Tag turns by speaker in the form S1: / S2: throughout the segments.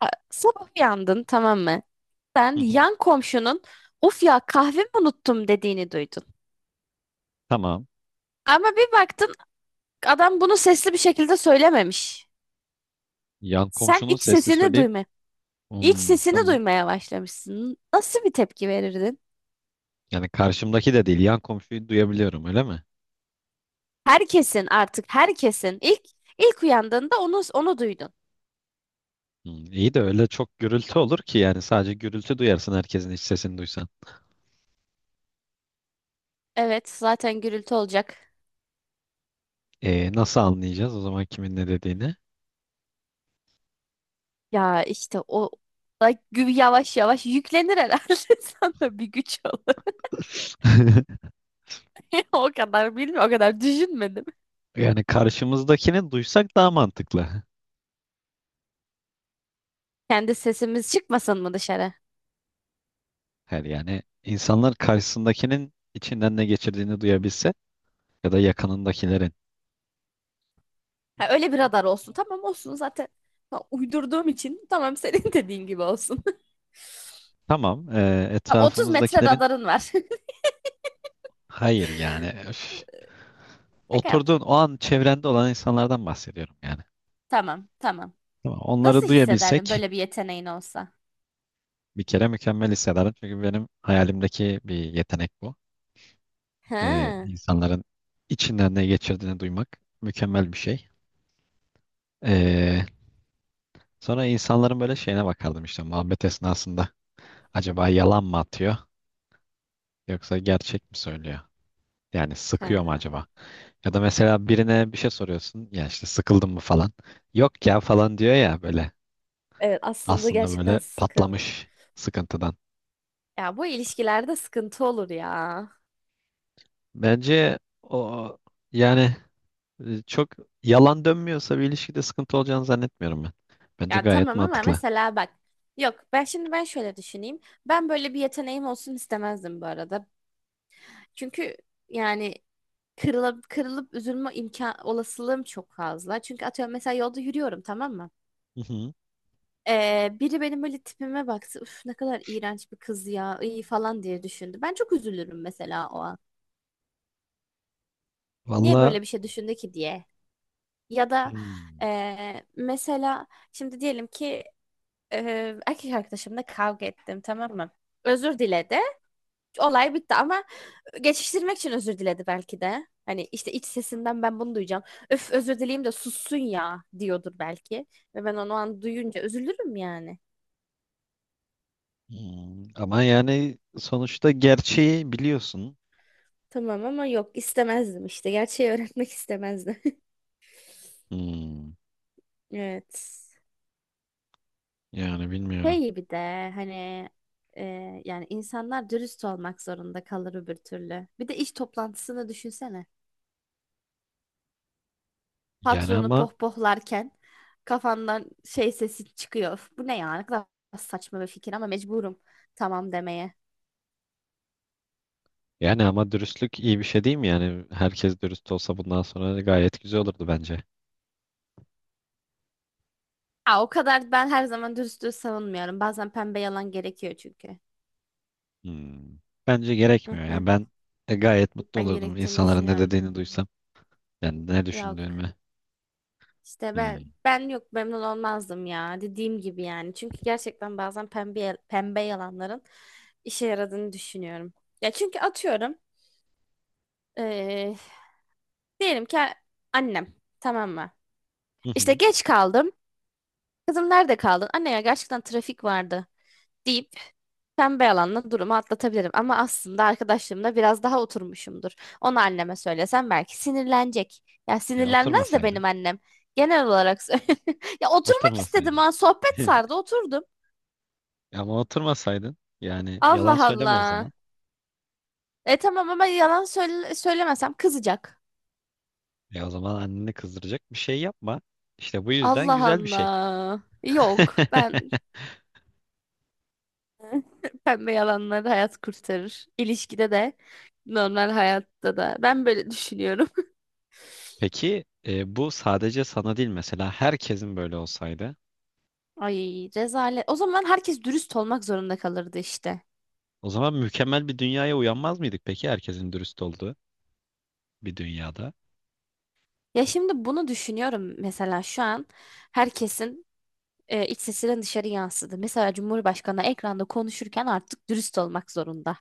S1: A- Sabah uyandın, tamam mı? Sen
S2: Hı hı.
S1: yan komşunun "of ya, kahvemi unuttum" dediğini duydun.
S2: Tamam.
S1: Ama bir baktın, adam bunu sesli bir şekilde söylememiş.
S2: Yan
S1: Sen
S2: komşunun
S1: iç
S2: sesli
S1: sesini
S2: söyleyip
S1: duyma, iç
S2: Hmm,
S1: sesini
S2: tamam.
S1: duymaya başlamışsın. Nasıl bir tepki verirdin?
S2: Yani karşımdaki de değil, yan komşuyu duyabiliyorum, öyle mi?
S1: Herkesin, artık herkesin ilk uyandığında onu duydun.
S2: Hmm, iyi de öyle çok gürültü olur ki, yani sadece gürültü duyarsın herkesin iç sesini duysan.
S1: Evet, zaten gürültü olacak.
S2: Nasıl anlayacağız o zaman kimin ne dediğini?
S1: Ya işte o da yavaş yavaş yüklenir herhalde, sana bir güç olur. O kadar bilmiyorum, o kadar düşünmedim.
S2: Yani karşımızdakini duysak daha mantıklı.
S1: Kendi sesimiz çıkmasın mı dışarı?
S2: Her yani insanlar karşısındakinin içinden ne geçirdiğini duyabilse ya da yakınındakilerin.
S1: Ha, öyle bir radar olsun. Tamam, olsun zaten. Ha, uydurduğum için tamam, senin dediğin gibi olsun.
S2: Tamam,
S1: Ha, 30 metre
S2: etrafımızdakilerin
S1: radarın var.
S2: hayır yani. Öf.
S1: Şaka yaptım.
S2: Oturduğun o an çevrende olan insanlardan bahsediyorum yani.
S1: Tamam, tamam.
S2: Tamam,
S1: Nasıl
S2: onları
S1: hissederdin
S2: duyabilsek
S1: böyle bir yeteneğin olsa?
S2: bir kere mükemmel hissederim. Çünkü benim hayalimdeki bir yetenek bu.
S1: Ha.
S2: İnsanların içinden ne geçirdiğini duymak mükemmel bir şey. Ee, sonra insanların böyle şeyine bakardım işte muhabbet esnasında. Acaba yalan mı atıyor yoksa gerçek mi söylüyor? Yani sıkıyor mu
S1: Ha.
S2: acaba? Ya da mesela birine bir şey soruyorsun. Ya işte sıkıldın mı falan. Yok ya falan diyor ya böyle.
S1: Evet, aslında
S2: Aslında
S1: gerçekten
S2: böyle
S1: sıkıntı.
S2: patlamış sıkıntıdan.
S1: Ya bu ilişkilerde sıkıntı olur ya.
S2: Bence o yani çok yalan dönmüyorsa bir ilişkide sıkıntı olacağını zannetmiyorum ben. Bence
S1: Ya
S2: gayet
S1: tamam, ama
S2: mantıklı.
S1: mesela bak. Yok, ben şimdi şöyle düşüneyim. Ben böyle bir yeteneğim olsun istemezdim bu arada. Çünkü yani kırılıp, kırılıp üzülme imkan olasılığım çok fazla. Çünkü atıyorum, mesela yolda yürüyorum, tamam mı?
S2: Hı hı.
S1: Biri benim böyle tipime baktı. "Üf, ne kadar iğrenç bir kız ya, iyi" falan diye düşündü. Ben çok üzülürüm mesela o an. Niye
S2: Valla.
S1: böyle bir şey düşündü ki diye. Ya da
S2: Hmm.
S1: mesela şimdi diyelim ki erkek arkadaşımla kavga ettim, tamam mı? Özür diledi, olay bitti, ama geçiştirmek için özür diledi belki de. Hani işte iç sesinden ben bunu duyacağım. "Öf, özür dileyim de sussun ya" diyordur belki. Ve ben onu o an duyunca üzülürüm yani.
S2: Hmm. Ama yani sonuçta gerçeği biliyorsun.
S1: Tamam, ama yok, istemezdim işte. Gerçeği öğretmek istemezdim.
S2: Hmm.
S1: Evet.
S2: Yani bilmiyorum.
S1: Şey, bir de hani, e, yani insanlar dürüst olmak zorunda kalır öbür türlü. Bir de iş toplantısını düşünsene.
S2: Yani
S1: Patronu
S2: ama
S1: pohpohlarken kafandan şey sesi çıkıyor: "Öf, bu ne ya? Ne kadar saçma bir fikir, ama mecburum tamam demeye."
S2: Yani ama dürüstlük iyi bir şey değil mi? Yani herkes dürüst olsa bundan sonra gayet güzel olurdu bence.
S1: Ha, o kadar ben her zaman dürüstlüğü savunmuyorum. Bazen pembe yalan gerekiyor çünkü.
S2: Hmm. Bence
S1: Hı
S2: gerekmiyor.
S1: hı.
S2: Yani ben gayet mutlu
S1: Ben
S2: olurdum
S1: gerektiğini
S2: insanların ne
S1: düşünüyorum.
S2: dediğini duysam. Yani ne
S1: Yok.
S2: düşündüğümü.
S1: İşte ben
S2: Hmm.
S1: ben yok, memnun olmazdım ya, dediğim gibi yani. Çünkü gerçekten bazen pembe pembe yalanların işe yaradığını düşünüyorum. Ya çünkü atıyorum, eee, diyelim ki annem, tamam mı?
S2: Hı
S1: İşte
S2: hı.
S1: geç kaldım. "Kızım, nerede kaldın?" "Anne ya, gerçekten trafik vardı" deyip pembe yalanla durumu atlatabilirim. Ama aslında arkadaşlarımla biraz daha oturmuşumdur. Onu anneme söylesem belki sinirlenecek. Ya,
S2: E,
S1: sinirlenmez de
S2: oturmasaydın.
S1: benim annem. Genel olarak söylüyorum. Ya, oturmak istedim,
S2: Oturmasaydın.
S1: ha. Sohbet sardı, oturdum.
S2: Ama oturmasaydın yani yalan
S1: Allah
S2: söyleme o
S1: Allah.
S2: zaman.
S1: E tamam, ama yalan söyle söylemesem kızacak.
S2: E o zaman anneni kızdıracak bir şey yapma. İşte bu yüzden
S1: Allah
S2: güzel bir şey.
S1: Allah. Yok, ben, pembe yalanları hayat kurtarır. İlişkide de normal hayatta da. Ben böyle düşünüyorum.
S2: Peki bu sadece sana değil mesela herkesin böyle olsaydı
S1: Ay, rezalet. O zaman herkes dürüst olmak zorunda kalırdı işte.
S2: o zaman mükemmel bir dünyaya uyanmaz mıydık peki herkesin dürüst olduğu bir dünyada?
S1: Ya, şimdi bunu düşünüyorum, mesela şu an herkesin iç sesinin dışarı yansıdı. Mesela Cumhurbaşkanı ekranda konuşurken artık dürüst olmak zorunda.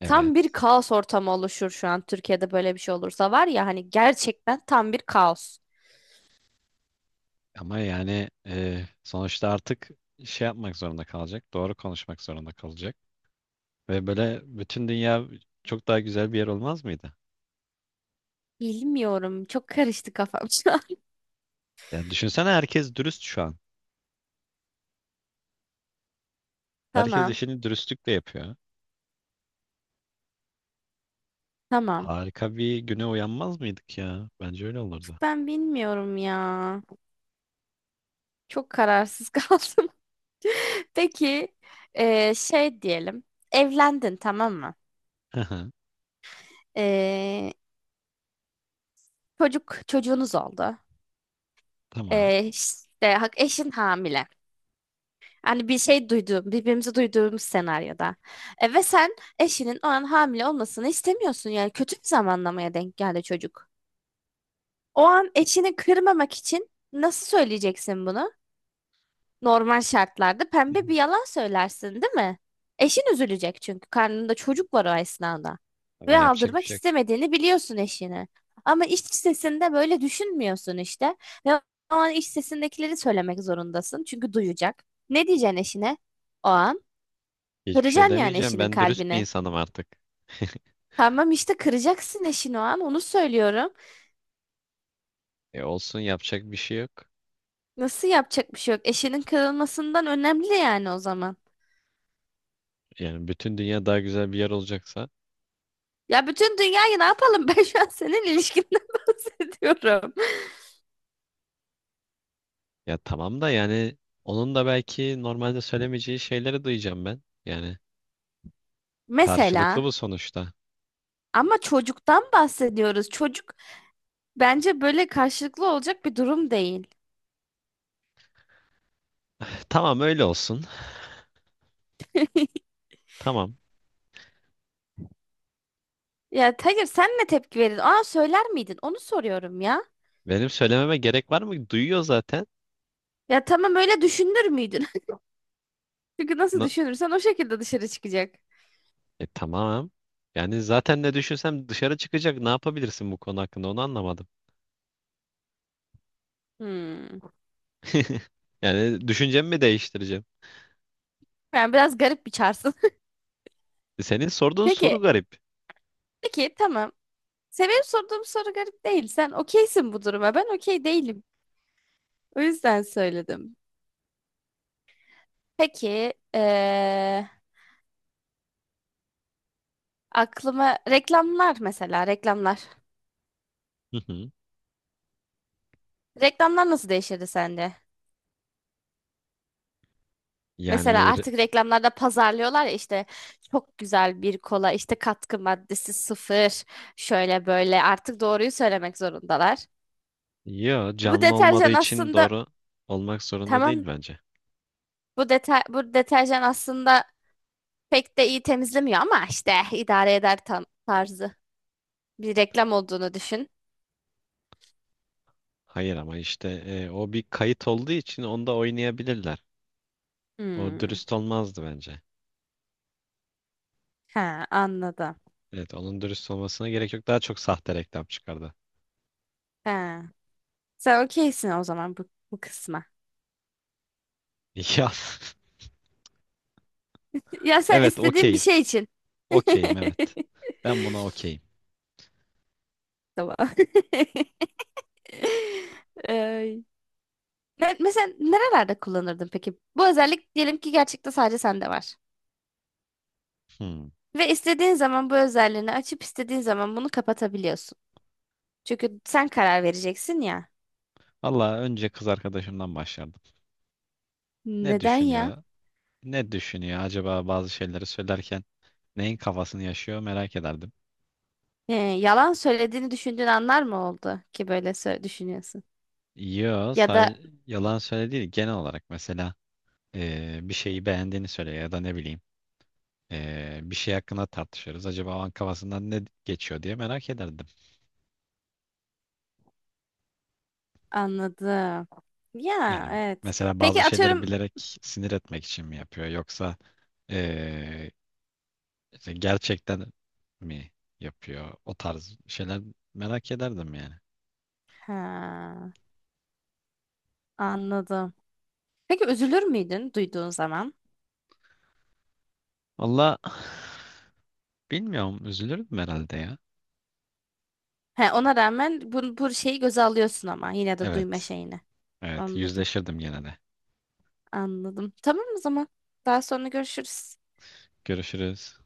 S2: Evet,
S1: Tam bir kaos ortamı oluşur şu an, Türkiye'de böyle bir şey olursa var ya, hani gerçekten tam bir kaos.
S2: ama yani sonuçta artık şey yapmak zorunda kalacak, doğru konuşmak zorunda kalacak ve böyle bütün dünya çok daha güzel bir yer olmaz mıydı?
S1: Bilmiyorum. Çok karıştı kafam şu an.
S2: Ya düşünsene, herkes dürüst şu an. Herkes
S1: Tamam.
S2: işini dürüstlükle yapıyor.
S1: Tamam.
S2: Harika bir güne uyanmaz mıydık ya? Bence öyle olurdu.
S1: Ben bilmiyorum ya. Çok kararsız kaldım. Peki şey diyelim. Evlendin, tamam mı?
S2: Hı hı.
S1: Eee, çocuğunuz oldu.
S2: Tamam.
S1: İşte eşin hamile. Hani bir şey duyduğum, birbirimizi duyduğumuz senaryoda. E, ve sen eşinin o an hamile olmasını istemiyorsun. Yani kötü bir zamanlamaya denk geldi çocuk. O an eşini kırmamak için nasıl söyleyeceksin bunu? Normal şartlarda pembe bir yalan söylersin, değil mi? Eşin üzülecek çünkü karnında çocuk var o esnada.
S2: Ama
S1: Ve
S2: yapacak bir
S1: aldırmak
S2: şey yok.
S1: istemediğini biliyorsun eşine. Ama iç sesinde böyle düşünmüyorsun işte. Ve o an iç sesindekileri söylemek zorundasın. Çünkü duyacak. Ne diyeceksin eşine? O an
S2: Hiçbir şey
S1: kıracaksın yani
S2: demeyeceğim.
S1: eşinin
S2: Ben dürüst bir
S1: kalbini.
S2: insanım artık.
S1: Tamam, işte kıracaksın eşini o an, onu söylüyorum.
S2: E olsun, yapacak bir şey yok.
S1: Nasıl yapacak bir şey yok? Eşinin kırılmasından önemli yani o zaman.
S2: Yani bütün dünya daha güzel bir yer olacaksa.
S1: Ya bütün dünyayı ne yapalım? Ben şu an senin ilişkinden bahsediyorum.
S2: Ya tamam da yani onun da belki normalde söylemeyeceği şeyleri duyacağım ben. Yani karşılıklı
S1: Mesela
S2: bu sonuçta.
S1: ama çocuktan bahsediyoruz. Çocuk bence böyle karşılıklı olacak bir durum değil.
S2: Tamam, öyle olsun. Tamam.
S1: Ya hayır, sen ne tepki verirdin? Aa, söyler miydin? Onu soruyorum ya.
S2: Benim söylememe gerek var mı? Duyuyor zaten.
S1: Ya tamam, öyle düşünür müydün? Çünkü nasıl
S2: Na-
S1: düşünürsen o şekilde dışarı çıkacak.
S2: E tamam. Yani zaten ne düşünsem dışarı çıkacak. Ne yapabilirsin bu konu hakkında, onu anlamadım.
S1: Hmm.
S2: Yani düşüncemi mi değiştireceğim?
S1: Yani biraz garip bir çarsın.
S2: E, senin sorduğun
S1: Peki,
S2: soru garip.
S1: peki tamam. Senin sorduğum soru garip değil. Sen okeysin bu duruma. Ben okey değilim. O yüzden söyledim. Peki aklıma reklamlar, mesela reklamlar.
S2: Hı hı.
S1: Reklamlar nasıl değişirdi sende? Mesela
S2: Yani re-
S1: artık reklamlarda pazarlıyorlar ya, işte "çok güzel bir kola, işte katkı maddesi sıfır, şöyle böyle", artık doğruyu söylemek zorundalar.
S2: Yo,
S1: "Bu
S2: canlı olmadığı
S1: deterjan
S2: için
S1: aslında",
S2: doğru olmak zorunda
S1: tamam,
S2: değil bence.
S1: "bu bu deterjan aslında pek de iyi temizlemiyor ama işte idare eder" tam tarzı bir reklam olduğunu düşün.
S2: Hayır, ama işte o bir kayıt olduğu için onda oynayabilirler. O
S1: Hmm,
S2: dürüst olmazdı bence.
S1: he, anladım.
S2: Evet, onun dürüst olmasına gerek yok. Daha çok sahte reklam çıkardı.
S1: He. Sen okeysin o zaman bu, bu kısma.
S2: Ya
S1: Ya sen
S2: evet,
S1: istediğin bir
S2: okeyim.
S1: şey için.
S2: Okeyim, evet. Ben buna okeyim.
S1: Tamam. Ay. Mesela nerelerde kullanırdın peki? Bu özellik diyelim ki gerçekten sadece sende var.
S2: Hmm.
S1: Ve istediğin zaman bu özelliğini açıp istediğin zaman bunu kapatabiliyorsun. Çünkü sen karar vereceksin ya.
S2: Valla, önce kız arkadaşımdan başlardım. Ne
S1: Neden ya?
S2: düşünüyor? Ne düşünüyor acaba bazı şeyleri söylerken, neyin kafasını yaşıyor merak ederdim.
S1: Yalan söylediğini düşündüğün anlar mı oldu ki böyle düşünüyorsun?
S2: Yo,
S1: Ya
S2: sadece
S1: da
S2: yalan söyle değil, genel olarak mesela bir şeyi beğendiğini söyle ya da ne bileyim, bir şey hakkında tartışırız. Acaba o an kafasından ne geçiyor diye merak ederdim.
S1: anladım. Ya
S2: Yani
S1: evet.
S2: mesela bazı
S1: Peki
S2: şeyleri
S1: atıyorum.
S2: bilerek sinir etmek için mi yapıyor yoksa eee, işte gerçekten mi yapıyor o tarz şeyler, merak ederdim yani.
S1: Ha, anladım. Peki üzülür müydün duyduğun zaman?
S2: Valla bilmiyorum, üzülürdüm herhalde ya.
S1: He, ona rağmen bu, bu şeyi göze alıyorsun ama yine de duyma
S2: Evet.
S1: şeyini.
S2: Evet,
S1: Anladım,
S2: yüzleşirdim gene de.
S1: anladım. Tamam o zaman. Daha sonra görüşürüz.
S2: Görüşürüz.